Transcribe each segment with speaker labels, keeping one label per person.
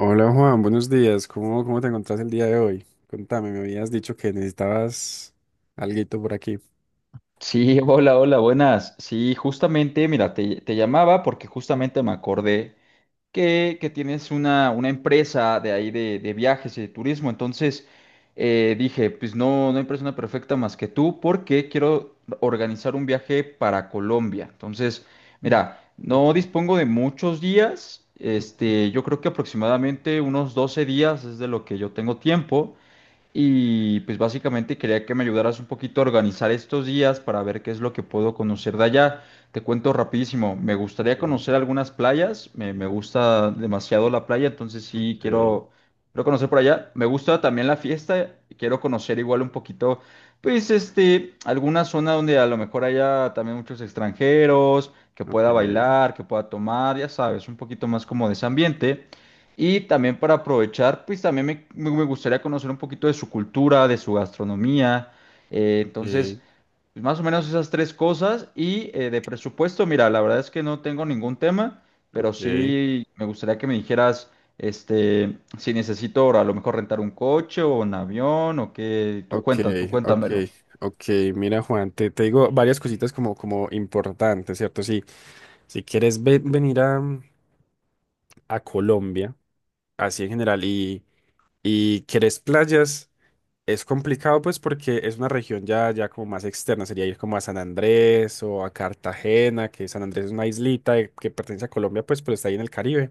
Speaker 1: Hola Juan, buenos días. ¿Cómo te encontrás el día de hoy? Contame, me habías dicho que necesitabas alguito por aquí.
Speaker 2: Sí, hola, hola, buenas. Sí, justamente, mira, te llamaba porque justamente me acordé que tienes una empresa de ahí de viajes y de turismo. Entonces, dije, pues no, no hay persona perfecta más que tú porque quiero organizar un viaje para Colombia. Entonces, mira, no dispongo de muchos días. Este, yo creo que aproximadamente unos 12 días es de lo que yo tengo tiempo. Y pues básicamente quería que me ayudaras un poquito a organizar estos días para ver qué es lo que puedo conocer de allá. Te cuento rapidísimo, me gustaría
Speaker 1: Okay,
Speaker 2: conocer algunas playas, me gusta demasiado la playa, entonces sí
Speaker 1: okay,
Speaker 2: quiero conocer por allá. Me gusta también la fiesta, quiero conocer igual un poquito, pues este, alguna zona donde a lo mejor haya también muchos extranjeros, que pueda
Speaker 1: okay,
Speaker 2: bailar, que pueda tomar, ya sabes, un poquito más como de ese ambiente. Y también para aprovechar, pues también me gustaría conocer un poquito de su cultura, de su gastronomía. Entonces, pues, más o menos esas tres cosas. Y de presupuesto, mira, la verdad es que no tengo ningún tema, pero
Speaker 1: okay,
Speaker 2: sí me gustaría que me dijeras, este, si necesito ahora a lo mejor rentar un coche o un avión o qué. Tú cuenta, tú
Speaker 1: okay,
Speaker 2: cuéntamelo.
Speaker 1: okay, okay. Mira, Juan, te digo varias cositas como importantes, ¿cierto? Si, si quieres venir a Colombia, así en general, y quieres playas. Es complicado, pues porque es una región ya como más externa. Sería ir como a San Andrés o a Cartagena, que San Andrés es una islita que pertenece a Colombia, pues, pero está ahí en el Caribe.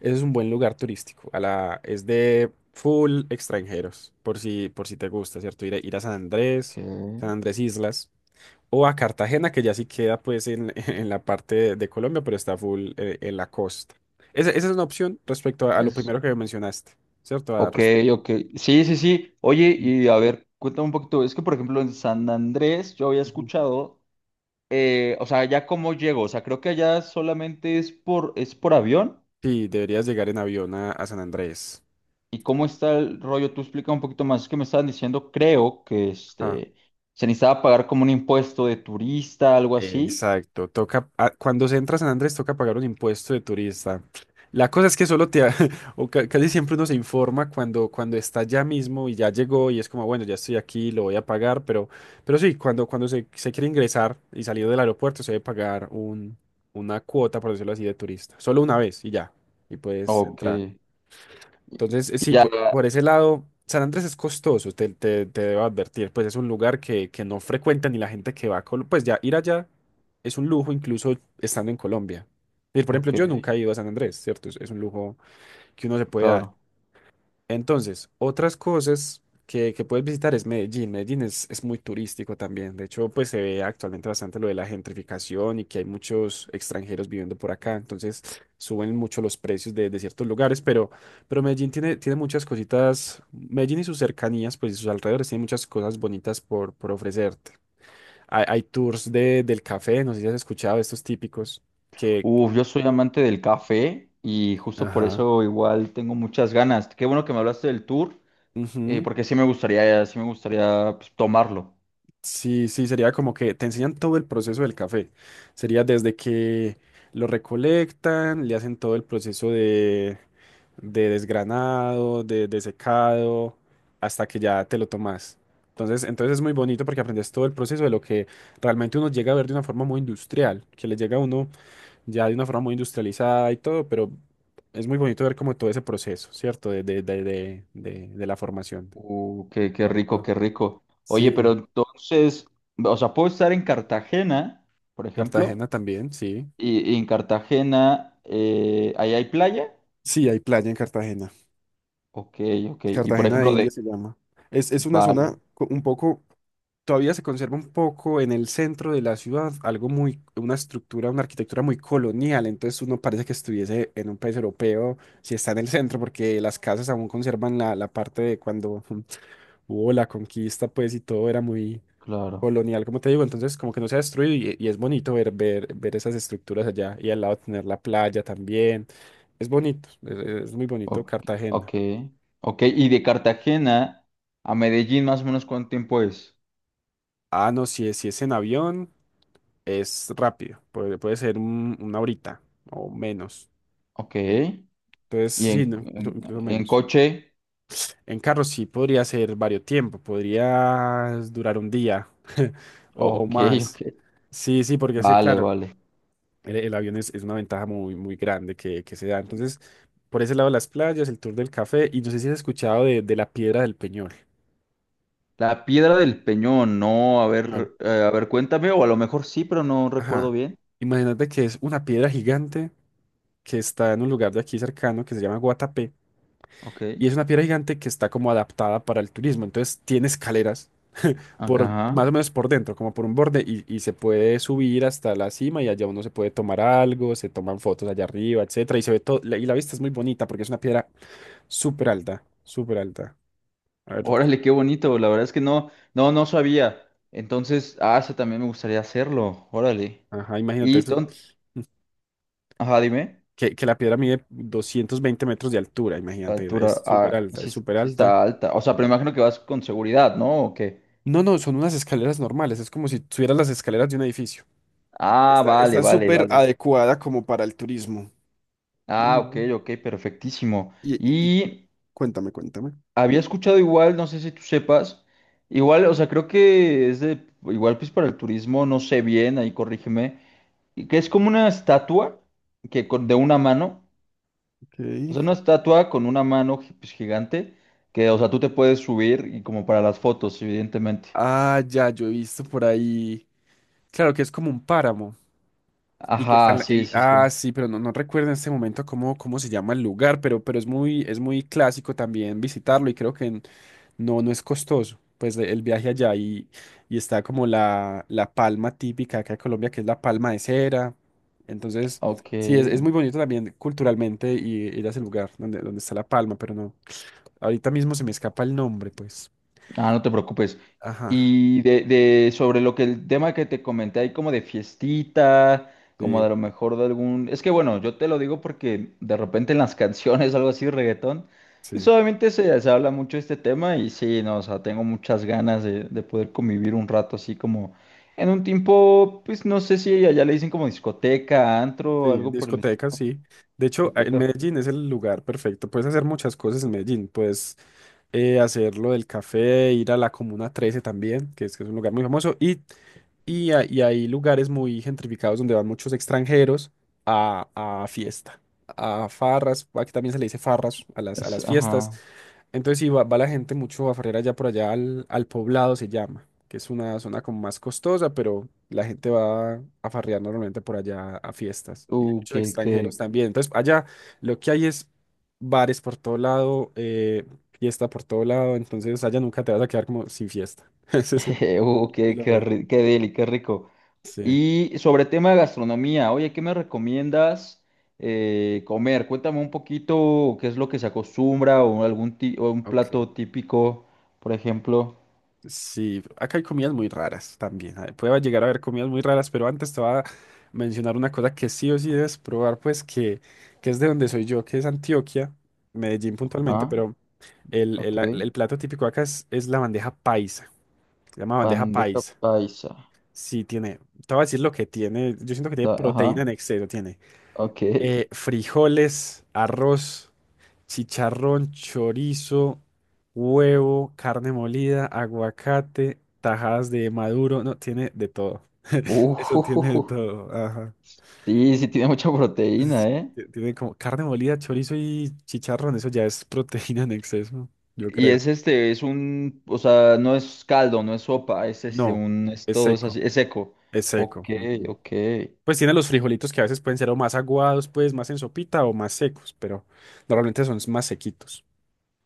Speaker 1: Ese es un buen lugar turístico, es de full extranjeros, por si te gusta, ¿cierto? Ir a San Andrés, San
Speaker 2: Que
Speaker 1: Andrés Islas, o a Cartagena, que ya sí queda pues en, en la parte de Colombia, pero está full en la costa. Esa es una opción respecto a lo
Speaker 2: es.
Speaker 1: primero que mencionaste, ¿cierto?
Speaker 2: Ok, ok. Sí, sí, sí. Oye,
Speaker 1: Ujú.
Speaker 2: y a ver, cuéntame un poquito. Es que, por ejemplo, en San Andrés yo había escuchado o sea, ya cómo llego, o sea, creo que allá solamente es por avión.
Speaker 1: Sí, deberías llegar en avión a San Andrés.
Speaker 2: ¿Y cómo está el rollo? Tú explica un poquito más. Es que me estaban diciendo, creo que
Speaker 1: Ah,
Speaker 2: este, se necesitaba pagar como un impuesto de turista, algo así.
Speaker 1: exacto. Toca, cuando se entra a San Andrés toca pagar un impuesto de turista. La cosa es que solo casi siempre uno se informa cuando está ya mismo y ya llegó y es como, bueno, ya estoy aquí, lo voy a pagar, pero sí, cuando se quiere ingresar y salir del aeropuerto, se debe pagar una cuota, por decirlo así, de turista. Solo una vez y ya, y puedes
Speaker 2: Ok.
Speaker 1: entrar. Entonces,
Speaker 2: Y
Speaker 1: sí,
Speaker 2: ya,
Speaker 1: por ese lado, San Andrés es costoso, te debo advertir, pues es un lugar que no frecuenta ni la gente que va a Colombia. Pues ya ir allá es un lujo, incluso estando en Colombia. Y, por ejemplo,
Speaker 2: ok,
Speaker 1: yo nunca he ido a San Andrés, ¿cierto? Es un lujo que uno se puede dar.
Speaker 2: claro.
Speaker 1: Entonces, otras cosas que puedes visitar es Medellín. Medellín es muy turístico también. De hecho, pues se ve actualmente bastante lo de la gentrificación y que hay muchos extranjeros viviendo por acá. Entonces, suben mucho los precios de ciertos lugares, pero Medellín tiene muchas cositas. Medellín y sus cercanías, pues, y sus alrededores, tiene muchas cosas bonitas por ofrecerte. Hay tours del café. No sé si has escuchado estos típicos que...
Speaker 2: Uf, yo soy amante del café y justo por
Speaker 1: Ajá.
Speaker 2: eso igual tengo muchas ganas. Qué bueno que me hablaste del tour,
Speaker 1: Ujú.
Speaker 2: porque sí me gustaría pues, tomarlo.
Speaker 1: Sí, sí, sería como que te enseñan todo el proceso del café. Sería desde que lo recolectan, le hacen todo el proceso de desgranado, de secado, hasta que ya te lo tomas. Entonces es muy bonito porque aprendes todo el proceso de lo que realmente uno llega a ver de una forma muy industrial, que le llega a uno ya de una forma muy industrializada y todo, pero es muy bonito ver como todo ese proceso, ¿cierto? De la formación.
Speaker 2: Qué rico,
Speaker 1: Bonito.
Speaker 2: qué rico. Oye, pero
Speaker 1: Sí,
Speaker 2: entonces, o sea, puedo estar en Cartagena, por
Speaker 1: Cartagena
Speaker 2: ejemplo,
Speaker 1: también, sí.
Speaker 2: y en Cartagena, ahí hay playa.
Speaker 1: Sí, hay playa en Cartagena.
Speaker 2: Ok, ok. Y por
Speaker 1: Cartagena de
Speaker 2: ejemplo,
Speaker 1: India
Speaker 2: de...
Speaker 1: se llama. Es una
Speaker 2: Vale,
Speaker 1: zona un poco, todavía se conserva un poco en el centro de la ciudad, algo muy, una estructura, una arquitectura muy colonial. Entonces uno parece que estuviese en un país europeo si está en el centro, porque las casas aún conservan la parte de cuando hubo la conquista, pues, y todo era muy
Speaker 2: claro.
Speaker 1: colonial, como te digo. Entonces, como que no se ha destruido y es bonito ver esas estructuras allá y al lado tener la playa también. Es bonito, es muy bonito
Speaker 2: Ok,
Speaker 1: Cartagena.
Speaker 2: ok, ok. Y de Cartagena a Medellín, más o menos, ¿cuánto tiempo es?
Speaker 1: Ah, no, si es en avión, es rápido. Puede ser una horita o menos.
Speaker 2: Ok.
Speaker 1: Entonces,
Speaker 2: Y
Speaker 1: sí,
Speaker 2: en,
Speaker 1: no,
Speaker 2: en,
Speaker 1: incluso
Speaker 2: en
Speaker 1: menos.
Speaker 2: coche.
Speaker 1: En carro sí podría ser varios tiempo, podría durar un día o
Speaker 2: Ok,
Speaker 1: más.
Speaker 2: ok.
Speaker 1: Sí, sí, porque sí,
Speaker 2: Vale,
Speaker 1: claro,
Speaker 2: vale.
Speaker 1: el avión es una ventaja muy, muy grande que se da. Entonces, por ese lado, las playas, el tour del café, y no sé si has escuchado de la piedra del Peñol.
Speaker 2: La piedra del Peñón, no,
Speaker 1: Peñol.
Speaker 2: a ver, cuéntame, o a lo mejor sí, pero no recuerdo
Speaker 1: Ajá.
Speaker 2: bien.
Speaker 1: Imagínate que es una piedra gigante que está en un lugar de aquí cercano que se llama Guatapé,
Speaker 2: Ok,
Speaker 1: y es una piedra gigante que está como adaptada para el turismo. Entonces tiene escaleras por más
Speaker 2: ajá.
Speaker 1: o menos por dentro, como por un borde, y se puede subir hasta la cima, y allá uno se puede tomar algo, se toman fotos allá arriba, etcétera, y se ve todo y la vista es muy bonita porque es una piedra súper alta, súper alta. A ver,
Speaker 2: Órale, qué bonito, la verdad es que no, no, no sabía. Entonces, ah, eso también me gustaría hacerlo, órale.
Speaker 1: ajá, imagínate
Speaker 2: Y,
Speaker 1: eso.
Speaker 2: ajá, dime,
Speaker 1: Que la piedra mide 220 metros de altura,
Speaker 2: la
Speaker 1: imagínate, es
Speaker 2: altura,
Speaker 1: súper
Speaker 2: ah,
Speaker 1: alta, es
Speaker 2: sí,
Speaker 1: súper
Speaker 2: sí está
Speaker 1: alta.
Speaker 2: alta. O sea, pero imagino que vas con seguridad, ¿no? ¿O qué?
Speaker 1: No, no, son unas escaleras normales, es como si tuvieras las escaleras de un edificio.
Speaker 2: Ah,
Speaker 1: Está,
Speaker 2: vale,
Speaker 1: está
Speaker 2: vale,
Speaker 1: súper
Speaker 2: vale.
Speaker 1: adecuada como para el turismo.
Speaker 2: Ah, ok,
Speaker 1: Ujú.
Speaker 2: ok, perfectísimo.
Speaker 1: Y, y
Speaker 2: Y
Speaker 1: cuéntame, cuéntame.
Speaker 2: había escuchado igual, no sé si tú sepas, igual, o sea, creo que es de, igual pues para el turismo, no sé bien, ahí corrígeme, y que es como una estatua de una mano,
Speaker 1: Ok.
Speaker 2: o sea, una estatua con una mano pues, gigante, que, o sea, tú te puedes subir y como para las fotos, evidentemente.
Speaker 1: Ah, ya, yo he visto por ahí. Claro que es como un páramo. Y que está... en
Speaker 2: Ajá,
Speaker 1: la-
Speaker 2: sí,
Speaker 1: y-
Speaker 2: sí, sí.
Speaker 1: ah, sí, pero no, no recuerdo en este momento cómo se llama el lugar, pero es muy clásico también visitarlo, y creo que en... No, no es costoso, pues el viaje allá, y está como la palma típica acá de Colombia, que es la palma de cera. Entonces,
Speaker 2: Ok.
Speaker 1: sí, es muy bonito también culturalmente, y ir a ese lugar donde, donde está la palma, pero no, ahorita mismo se me escapa el nombre, pues.
Speaker 2: Ah, no te preocupes.
Speaker 1: Ajá.
Speaker 2: Y de sobre lo que el tema que te comenté ahí como de fiestita, como de
Speaker 1: Sí,
Speaker 2: lo mejor de algún... Es que bueno, yo te lo digo porque de repente en las canciones, algo así, reggaetón, pues
Speaker 1: sí,
Speaker 2: obviamente se habla mucho de este tema y sí, no, o sea, tengo muchas ganas de poder convivir un rato así como en un tiempo, pues no sé si allá le dicen como discoteca, antro,
Speaker 1: sí,
Speaker 2: algo por el
Speaker 1: discotecas,
Speaker 2: estilo.
Speaker 1: sí. De hecho, en
Speaker 2: Discoteca.
Speaker 1: Medellín es el lugar perfecto. Puedes hacer muchas cosas en Medellín. Puedes hacer lo del café, ir a la Comuna 13 también, que es un lugar muy famoso. Y hay lugares muy gentrificados donde van muchos extranjeros a, a fiesta, a farras. Aquí también se le dice farras a las fiestas.
Speaker 2: Ajá.
Speaker 1: Entonces sí, va, va la gente mucho a farrear allá, por allá al, al Poblado se llama, que es una zona como más costosa, pero la gente va a farrear normalmente por allá a fiestas. Y hay
Speaker 2: Uh,
Speaker 1: muchos
Speaker 2: qué,
Speaker 1: extranjeros
Speaker 2: qué,
Speaker 1: también. Entonces, allá lo que hay es bares por todo lado, fiesta por todo lado. Entonces allá nunca te vas a quedar como sin fiesta. Ese es el... el-
Speaker 2: qué deli, qué rico.
Speaker 1: Sí.
Speaker 2: Y sobre tema de gastronomía, oye, ¿qué me recomiendas comer? Cuéntame un poquito qué es lo que se acostumbra o un
Speaker 1: Ok.
Speaker 2: plato típico, por ejemplo.
Speaker 1: Sí, acá hay comidas muy raras también. Puede llegar a haber comidas muy raras, pero antes te voy a mencionar una cosa que sí o sí debes probar, pues que es de donde soy yo, que es Antioquia, Medellín puntualmente.
Speaker 2: Ah,
Speaker 1: Pero el,
Speaker 2: ok.
Speaker 1: el, el plato típico acá es la bandeja paisa, se llama bandeja
Speaker 2: Bandeja
Speaker 1: paisa.
Speaker 2: paisa.
Speaker 1: Sí, tiene, te voy a decir lo que tiene. Yo siento que tiene proteína
Speaker 2: Ajá,
Speaker 1: en exceso. Tiene
Speaker 2: ok.
Speaker 1: frijoles, arroz, chicharrón, chorizo, huevo, carne molida, aguacate, tajadas de maduro. No, tiene de todo. Eso tiene de
Speaker 2: Uh,
Speaker 1: todo. Ajá.
Speaker 2: sí, sí tiene mucha
Speaker 1: Sí,
Speaker 2: proteína, ¿eh?
Speaker 1: tiene como carne molida, chorizo y chicharrón. Eso ya es proteína en exceso, yo
Speaker 2: Y
Speaker 1: creo.
Speaker 2: es este, es un, o sea, no es caldo, no es sopa, es este,
Speaker 1: No,
Speaker 2: un, es
Speaker 1: es
Speaker 2: todo, es
Speaker 1: seco.
Speaker 2: así, es seco.
Speaker 1: Es
Speaker 2: Ok,
Speaker 1: seco. Ujú.
Speaker 2: ok.
Speaker 1: Pues tiene los frijolitos que a veces pueden ser o más aguados, pues más en sopita, o más secos, pero normalmente son más sequitos.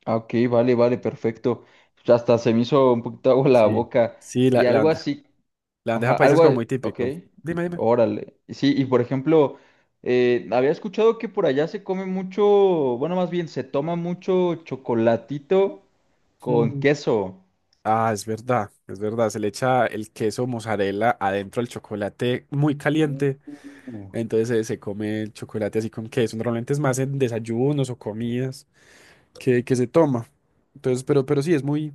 Speaker 2: Ah, ok, vale, vale, perfecto. Pues, hasta se me hizo un poquito agua la
Speaker 1: Sí.
Speaker 2: boca.
Speaker 1: Sí,
Speaker 2: Y algo así,
Speaker 1: la bandeja
Speaker 2: ajá,
Speaker 1: paisa es
Speaker 2: algo,
Speaker 1: como muy
Speaker 2: ok,
Speaker 1: típico. Dime,
Speaker 2: órale. Sí, y por ejemplo, había escuchado que por allá se come mucho, bueno, más bien se toma mucho chocolatito con
Speaker 1: dime.
Speaker 2: queso.
Speaker 1: Ah, es verdad, es verdad. Se le echa el queso mozzarella adentro del chocolate muy caliente.
Speaker 2: Uh.
Speaker 1: Entonces, se come el chocolate así con queso. Normalmente es más en desayunos o comidas que se toma. Entonces, pero sí, es muy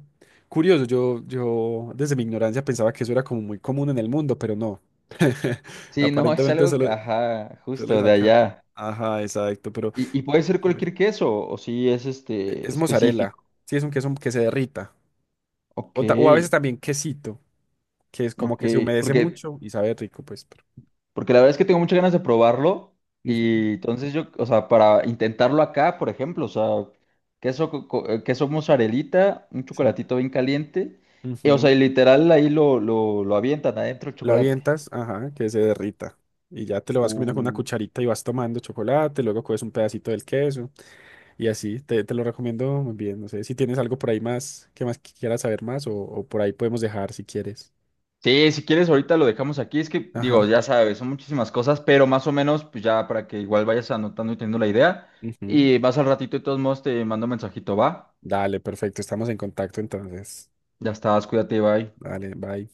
Speaker 1: curioso. Yo desde mi ignorancia pensaba que eso era como muy común en el mundo, pero no.
Speaker 2: Sí, no, es
Speaker 1: Aparentemente
Speaker 2: algo,
Speaker 1: solo,
Speaker 2: ajá,
Speaker 1: solo es
Speaker 2: justo de
Speaker 1: acá.
Speaker 2: allá.
Speaker 1: Ajá, exacto, pero
Speaker 2: Y puede ser
Speaker 1: chévere.
Speaker 2: cualquier queso, o si es este
Speaker 1: Es mozzarella.
Speaker 2: específico.
Speaker 1: Sí, es un queso que se derrita.
Speaker 2: Ok,
Speaker 1: O a veces también quesito, que es como
Speaker 2: ok.
Speaker 1: que se humedece
Speaker 2: porque
Speaker 1: mucho y sabe rico, pues, pero...
Speaker 2: Porque la verdad es que tengo muchas ganas de probarlo.
Speaker 1: Ujú.
Speaker 2: Y entonces yo, o sea, para intentarlo acá, por ejemplo, o sea, queso, queso mozzarellita, un
Speaker 1: Sí.
Speaker 2: chocolatito bien caliente. Y, o sea,
Speaker 1: Ujú.
Speaker 2: y literal ahí lo avientan adentro el
Speaker 1: Lo
Speaker 2: chocolate.
Speaker 1: avientas, ajá, que se derrita. Y ya te lo vas comiendo con una
Speaker 2: Uh,
Speaker 1: cucharita y vas tomando chocolate, luego coges un pedacito del queso, y así, te lo recomiendo muy bien. No sé si tienes algo por ahí más que quieras saber más, o por ahí podemos dejar si quieres.
Speaker 2: Sí, si quieres ahorita lo dejamos aquí. Es que, digo,
Speaker 1: Ajá.
Speaker 2: ya sabes, son muchísimas cosas, pero más o menos, pues ya para que igual vayas anotando y teniendo la idea.
Speaker 1: Ujú.
Speaker 2: Y vas al ratito, de todos modos, te mando un mensajito, va.
Speaker 1: Dale, perfecto, estamos en contacto entonces.
Speaker 2: Ya estás, cuídate, bye.
Speaker 1: Dale, bye.